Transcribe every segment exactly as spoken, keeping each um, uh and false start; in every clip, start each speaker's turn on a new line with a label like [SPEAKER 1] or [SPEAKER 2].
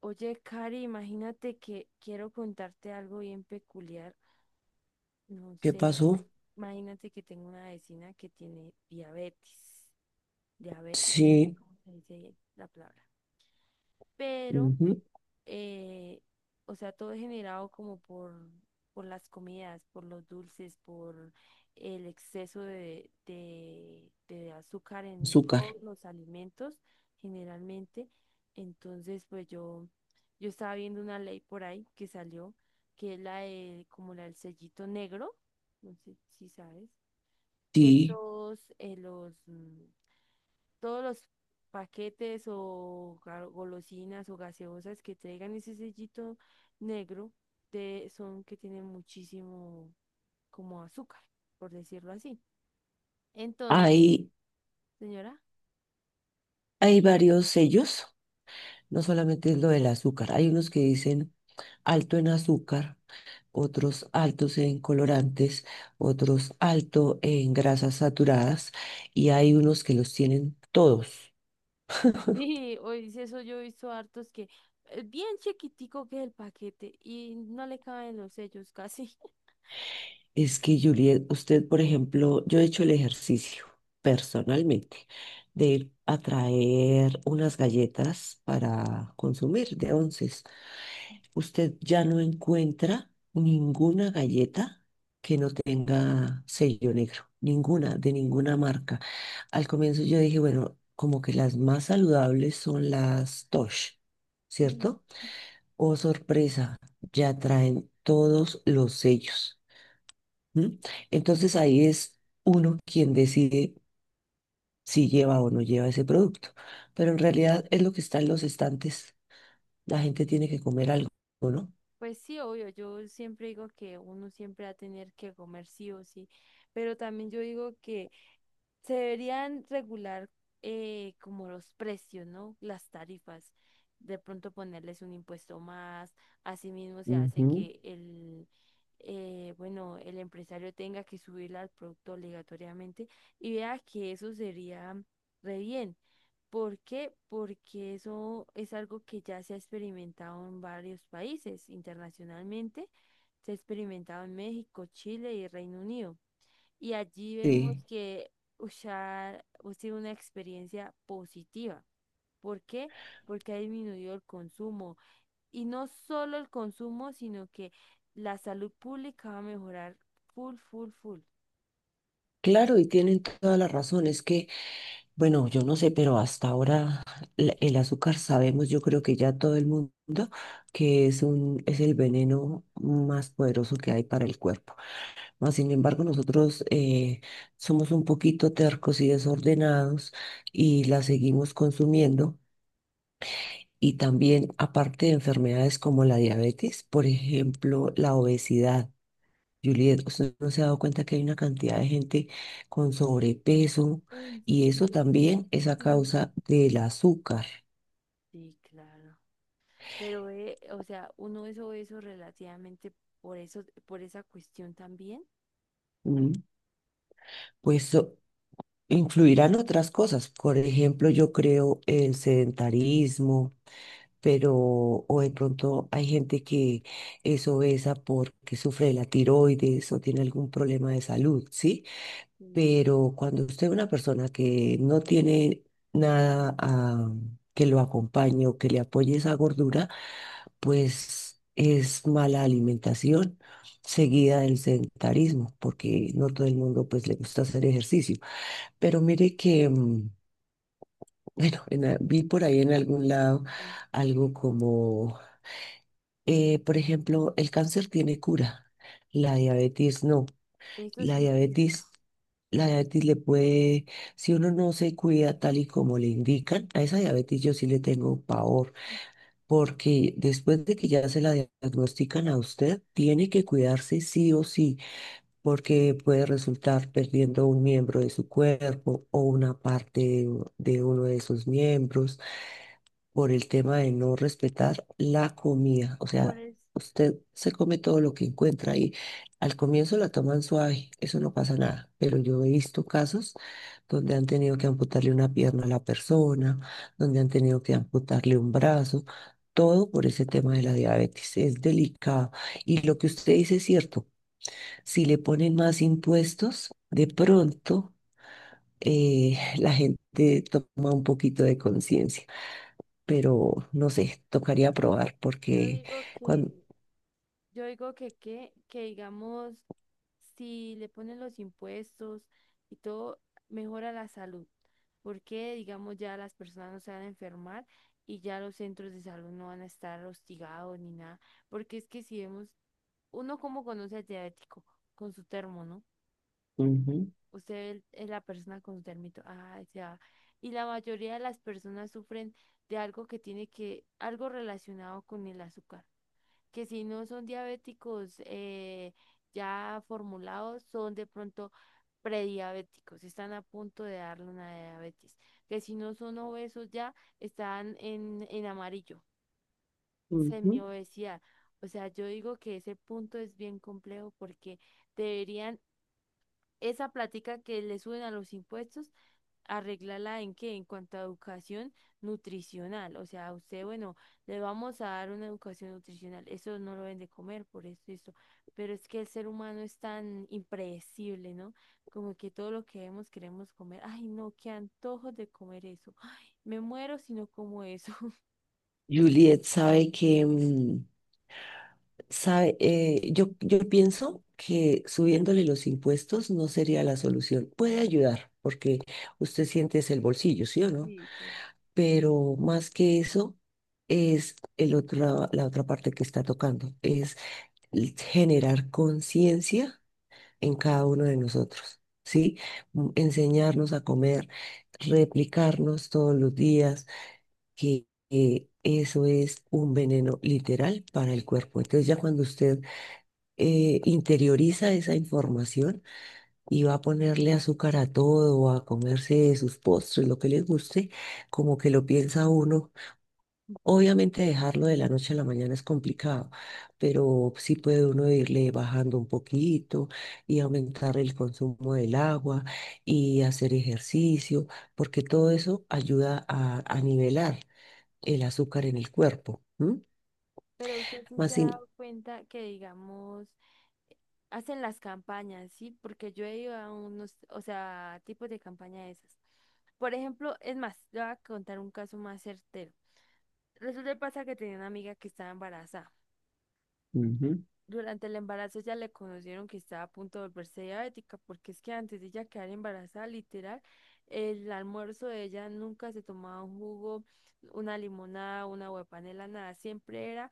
[SPEAKER 1] Oye, Cari, imagínate que quiero contarte algo bien peculiar. No
[SPEAKER 2] ¿Qué
[SPEAKER 1] sé,
[SPEAKER 2] pasó?
[SPEAKER 1] imagínate que tengo una vecina que tiene diabetes. Diabetes, no sé,
[SPEAKER 2] Sí,
[SPEAKER 1] ¿cómo se dice la palabra? Pero
[SPEAKER 2] ujú,
[SPEAKER 1] eh, o sea, todo es generado como por, por las comidas, por los dulces, por el exceso de, de, de azúcar en
[SPEAKER 2] azúcar.
[SPEAKER 1] todos los alimentos, generalmente. Entonces, pues yo, yo estaba viendo una ley por ahí que salió, que es la de, como la del sellito negro, no sé si sabes, que
[SPEAKER 2] Sí,
[SPEAKER 1] todos eh, los, mm, todos los paquetes o ga- golosinas o gaseosas que traigan ese sellito negro de, son que tienen muchísimo como azúcar, por decirlo así. Entonces,
[SPEAKER 2] hay,
[SPEAKER 1] señora,
[SPEAKER 2] hay varios sellos, no solamente es lo del azúcar. Hay unos que dicen alto en azúcar, otros altos en colorantes, otros alto en grasas saturadas y hay unos que los tienen todos.
[SPEAKER 1] sí, hoy dice eso, yo he visto hartos que eh, bien chiquitico que es el paquete y no le caben los sellos casi.
[SPEAKER 2] Es que, Juliet, usted, por ejemplo, yo he hecho el ejercicio personalmente, de ir a traer unas galletas para consumir de onces, usted ya no encuentra ninguna galleta que no tenga sello negro, ninguna, de ninguna marca. Al comienzo yo dije, bueno, como que las más saludables son las Tosh,
[SPEAKER 1] Mm,
[SPEAKER 2] ¿cierto? Oh, sorpresa, ya traen todos los sellos. ¿M? Entonces ahí es uno quien decide si lleva o no lleva ese producto. Pero en
[SPEAKER 1] sí.
[SPEAKER 2] realidad es lo que está en los estantes. La gente tiene que comer algo, ¿no?
[SPEAKER 1] Pues sí, obvio, yo siempre digo que uno siempre va a tener que comer sí o sí, pero también yo digo que se deberían regular eh, como los precios, ¿no? Las tarifas. De pronto ponerles un impuesto más. Asimismo se hace
[SPEAKER 2] Ujú.
[SPEAKER 1] que el, eh, bueno, el empresario tenga que subir al producto obligatoriamente y vea que eso sería re bien. ¿Por qué? Porque eso es algo que ya se ha experimentado en varios países internacionalmente. Se ha experimentado en México, Chile y Reino Unido. Y allí vemos
[SPEAKER 2] Sí.
[SPEAKER 1] que usar ha sido una experiencia positiva. ¿Por qué? Porque ha disminuido el consumo. Y no solo el consumo, sino que la salud pública va a mejorar full, full, full.
[SPEAKER 2] Claro, y tienen toda la razón. Es que, bueno, yo no sé, pero hasta ahora la- el azúcar sabemos, yo creo que ya todo el mundo, que es un, es el veneno más poderoso que hay para el cuerpo. Mas, sin embargo, nosotros eh, somos un poquito tercos y desordenados y la seguimos consumiendo. Y también, aparte de enfermedades como la diabetes, por ejemplo, la obesidad. Juliet, ¿usted no se ha dado cuenta que hay una cantidad de gente con sobrepeso
[SPEAKER 1] Uy,
[SPEAKER 2] y
[SPEAKER 1] sí,
[SPEAKER 2] eso
[SPEAKER 1] pero
[SPEAKER 2] también
[SPEAKER 1] es
[SPEAKER 2] es a
[SPEAKER 1] que no.
[SPEAKER 2] causa del azúcar?
[SPEAKER 1] Sí, claro. Pero, eh, o sea, uno es obeso relativamente por eso, por esa cuestión también.
[SPEAKER 2] ¿M? Pues so- Influirán otras cosas, por ejemplo, yo creo el sedentarismo, pero o de pronto hay gente que es obesa porque sufre de la tiroides o tiene algún problema de salud, ¿sí?
[SPEAKER 1] Sí.
[SPEAKER 2] Pero cuando usted es una persona que no tiene nada a- que lo acompañe o que le apoye esa gordura, pues es mala alimentación, seguida del sedentarismo, porque no todo el mundo pues le gusta hacer ejercicio. Pero mire que, mm, bueno, en a- vi por ahí en algún lado
[SPEAKER 1] Mm.
[SPEAKER 2] algo como, eh, por ejemplo, el cáncer tiene cura, la diabetes no,
[SPEAKER 1] Eso
[SPEAKER 2] la
[SPEAKER 1] sí es cierto.
[SPEAKER 2] diabetes... La diabetes le puede, si uno no se cuida tal y como le indican, a esa diabetes yo sí le tengo pavor, porque después de que ya se la diagnostican a usted, tiene que cuidarse sí o sí, porque puede resultar perdiendo un miembro de su cuerpo o una parte de, de uno de sus miembros, por el tema de no respetar la comida. O
[SPEAKER 1] Por
[SPEAKER 2] sea,
[SPEAKER 1] eso
[SPEAKER 2] usted se come todo lo que encuentra y al comienzo la toman suave, eso no pasa nada. Pero yo he visto casos donde han tenido que amputarle una pierna a la persona, donde han tenido que amputarle un brazo. Todo por ese tema de la diabetes es delicado. Y lo que usted dice es cierto. Si le ponen más impuestos, de pronto eh, la gente toma un poquito de conciencia, pero no sé, tocaría probar
[SPEAKER 1] yo
[SPEAKER 2] porque
[SPEAKER 1] digo que
[SPEAKER 2] cuando...
[SPEAKER 1] Yo digo que, que, que digamos, si le ponen los impuestos y todo, mejora la salud, porque digamos ya las personas no se van a enfermar y ya los centros de salud no van a estar hostigados ni nada, porque es que si vemos, uno como conoce al diabético con su termo, ¿no?
[SPEAKER 2] Ujú,
[SPEAKER 1] Usted es la persona con su termito, ah, ya. Y la mayoría de las personas sufren de algo que tiene que, algo relacionado con el azúcar que si no son diabéticos eh, ya formulados, son de pronto prediabéticos, están a punto de darle una diabetes, que si no son obesos ya están en, en amarillo,
[SPEAKER 2] ujú.
[SPEAKER 1] semiobesidad. O sea, yo digo que ese punto es bien complejo porque deberían esa plática que le suben a los impuestos, arreglarla en qué, en cuanto a educación nutricional. O sea, a usted, bueno, le vamos a dar una educación nutricional. Eso no lo ven de comer, por eso, eso. Pero es que el ser humano es tan impredecible, ¿no? Como que todo lo que vemos queremos comer. Ay, no, qué antojos de comer eso. Ay, me muero si no como eso.
[SPEAKER 2] Juliet, sabe que, mm, sabe, eh, yo, yo pienso que subiéndole los impuestos no sería la solución. Puede ayudar porque usted siente es el bolsillo, ¿sí o no? Pero más que eso es el otro, la otra parte que está tocando, es generar conciencia en cada uno de nosotros, ¿sí? Mm, Enseñarnos a comer, replicarnos todos los días, que, que eso es un veneno literal para el cuerpo. Entonces ya cuando usted eh, interioriza esa información y va a ponerle azúcar a todo, a comerse sus postres, lo que le guste, como que lo piensa uno. Obviamente dejarlo de la noche a la mañana es complicado, pero sí puede uno irle bajando un poquito y aumentar el consumo del agua y hacer ejercicio, porque todo eso ayuda a, a nivelar el azúcar en el cuerpo. ¿M?
[SPEAKER 1] Pero usted sí
[SPEAKER 2] Más
[SPEAKER 1] se ha
[SPEAKER 2] sin...
[SPEAKER 1] dado cuenta que, digamos, hacen las campañas, ¿sí? Porque yo he ido a unos, o sea, tipos de campaña de esas. Por ejemplo, es más, le voy a contar un caso más certero. Resulta y pasa que tenía una amiga que estaba embarazada.
[SPEAKER 2] Ujú,
[SPEAKER 1] Durante el embarazo ya le conocieron que estaba a punto de volverse diabética, porque es que antes de ella quedar embarazada, literal, el almuerzo de ella nunca se tomaba un jugo, una limonada, una agua de panela, nada. Siempre era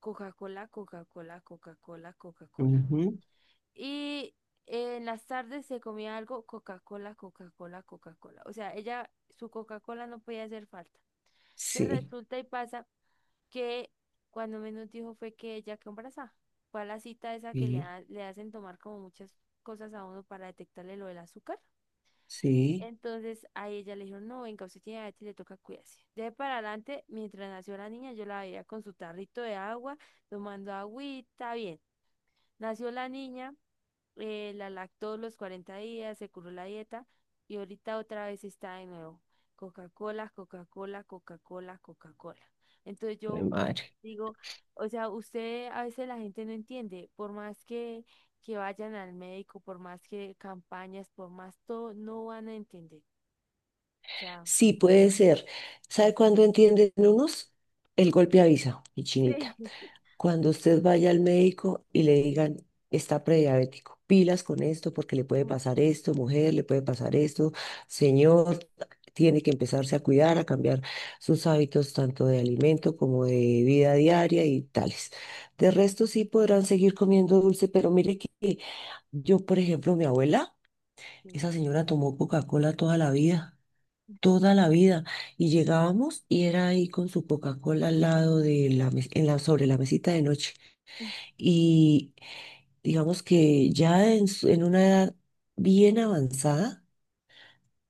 [SPEAKER 1] Coca-Cola, Coca-Cola, Coca-Cola, Coca-Cola.
[SPEAKER 2] ujú.
[SPEAKER 1] Y eh, en las tardes se comía algo, Coca-Cola, Coca-Cola, Coca-Cola. O sea, ella, su Coca-Cola no podía hacer falta. Entonces
[SPEAKER 2] Sí,
[SPEAKER 1] resulta y pasa que cuando menos dijo fue que ella quedó embarazada. Fue a la cita esa que le,
[SPEAKER 2] sí,
[SPEAKER 1] ha- le hacen tomar como muchas cosas a uno para detectarle lo del azúcar.
[SPEAKER 2] sí,
[SPEAKER 1] Entonces a ella le dijeron, no, venga, usted tiene diabetes, le toca cuidarse. De ahí para adelante, mientras nació la niña, yo la veía con su tarrito de agua, tomando agüita, bien. Nació la niña, eh, la lactó los cuarenta días, se curó la dieta y ahorita otra vez está de nuevo. Coca-Cola, Coca-Cola, Coca-Cola, Coca-Cola. Entonces
[SPEAKER 2] jue
[SPEAKER 1] yo
[SPEAKER 2] madre.
[SPEAKER 1] digo, o sea, usted a veces la gente no entiende, por más que, que vayan al médico, por más que campañas, por más todo, no van a entender. O sea,
[SPEAKER 2] Sí, puede ser. ¿Sabe cuándo entienden unos? El golpe avisa, mi
[SPEAKER 1] sí.
[SPEAKER 2] chinita. Cuando usted vaya al médico y le digan, está prediabético, pilas con esto porque le puede
[SPEAKER 1] Uy,
[SPEAKER 2] pasar esto, mujer, le puede pasar esto, señor, tiene que empezarse a cuidar, a cambiar sus hábitos tanto de alimento como de vida diaria y tales. De resto sí podrán seguir comiendo dulce, pero mire que yo, por ejemplo, mi abuela,
[SPEAKER 1] sí,
[SPEAKER 2] esa señora tomó Coca-Cola toda la vida. Toda la vida, y llegábamos y era ahí con su Coca-Cola al lado de la mes- en la, sobre la mesita de noche, y digamos que ya en, su- en una edad bien avanzada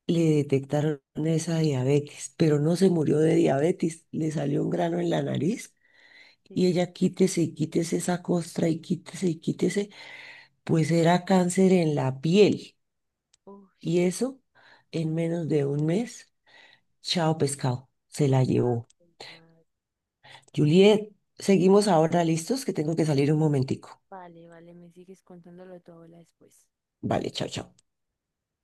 [SPEAKER 2] le detectaron esa diabetes, pero no se murió de diabetes, le salió un grano en la nariz y
[SPEAKER 1] sí,
[SPEAKER 2] ella quítese y quítese esa costra y quítese y quítese, pues era cáncer en la piel,
[SPEAKER 1] uy,
[SPEAKER 2] y eso en menos de un mes, chao pescado, se la llevó.
[SPEAKER 1] madre.
[SPEAKER 2] Juliet, seguimos ahora listos que tengo que salir un momentico.
[SPEAKER 1] Vale, vale, me sigues contándolo de tu abuela después.
[SPEAKER 2] Vale, chao, chao.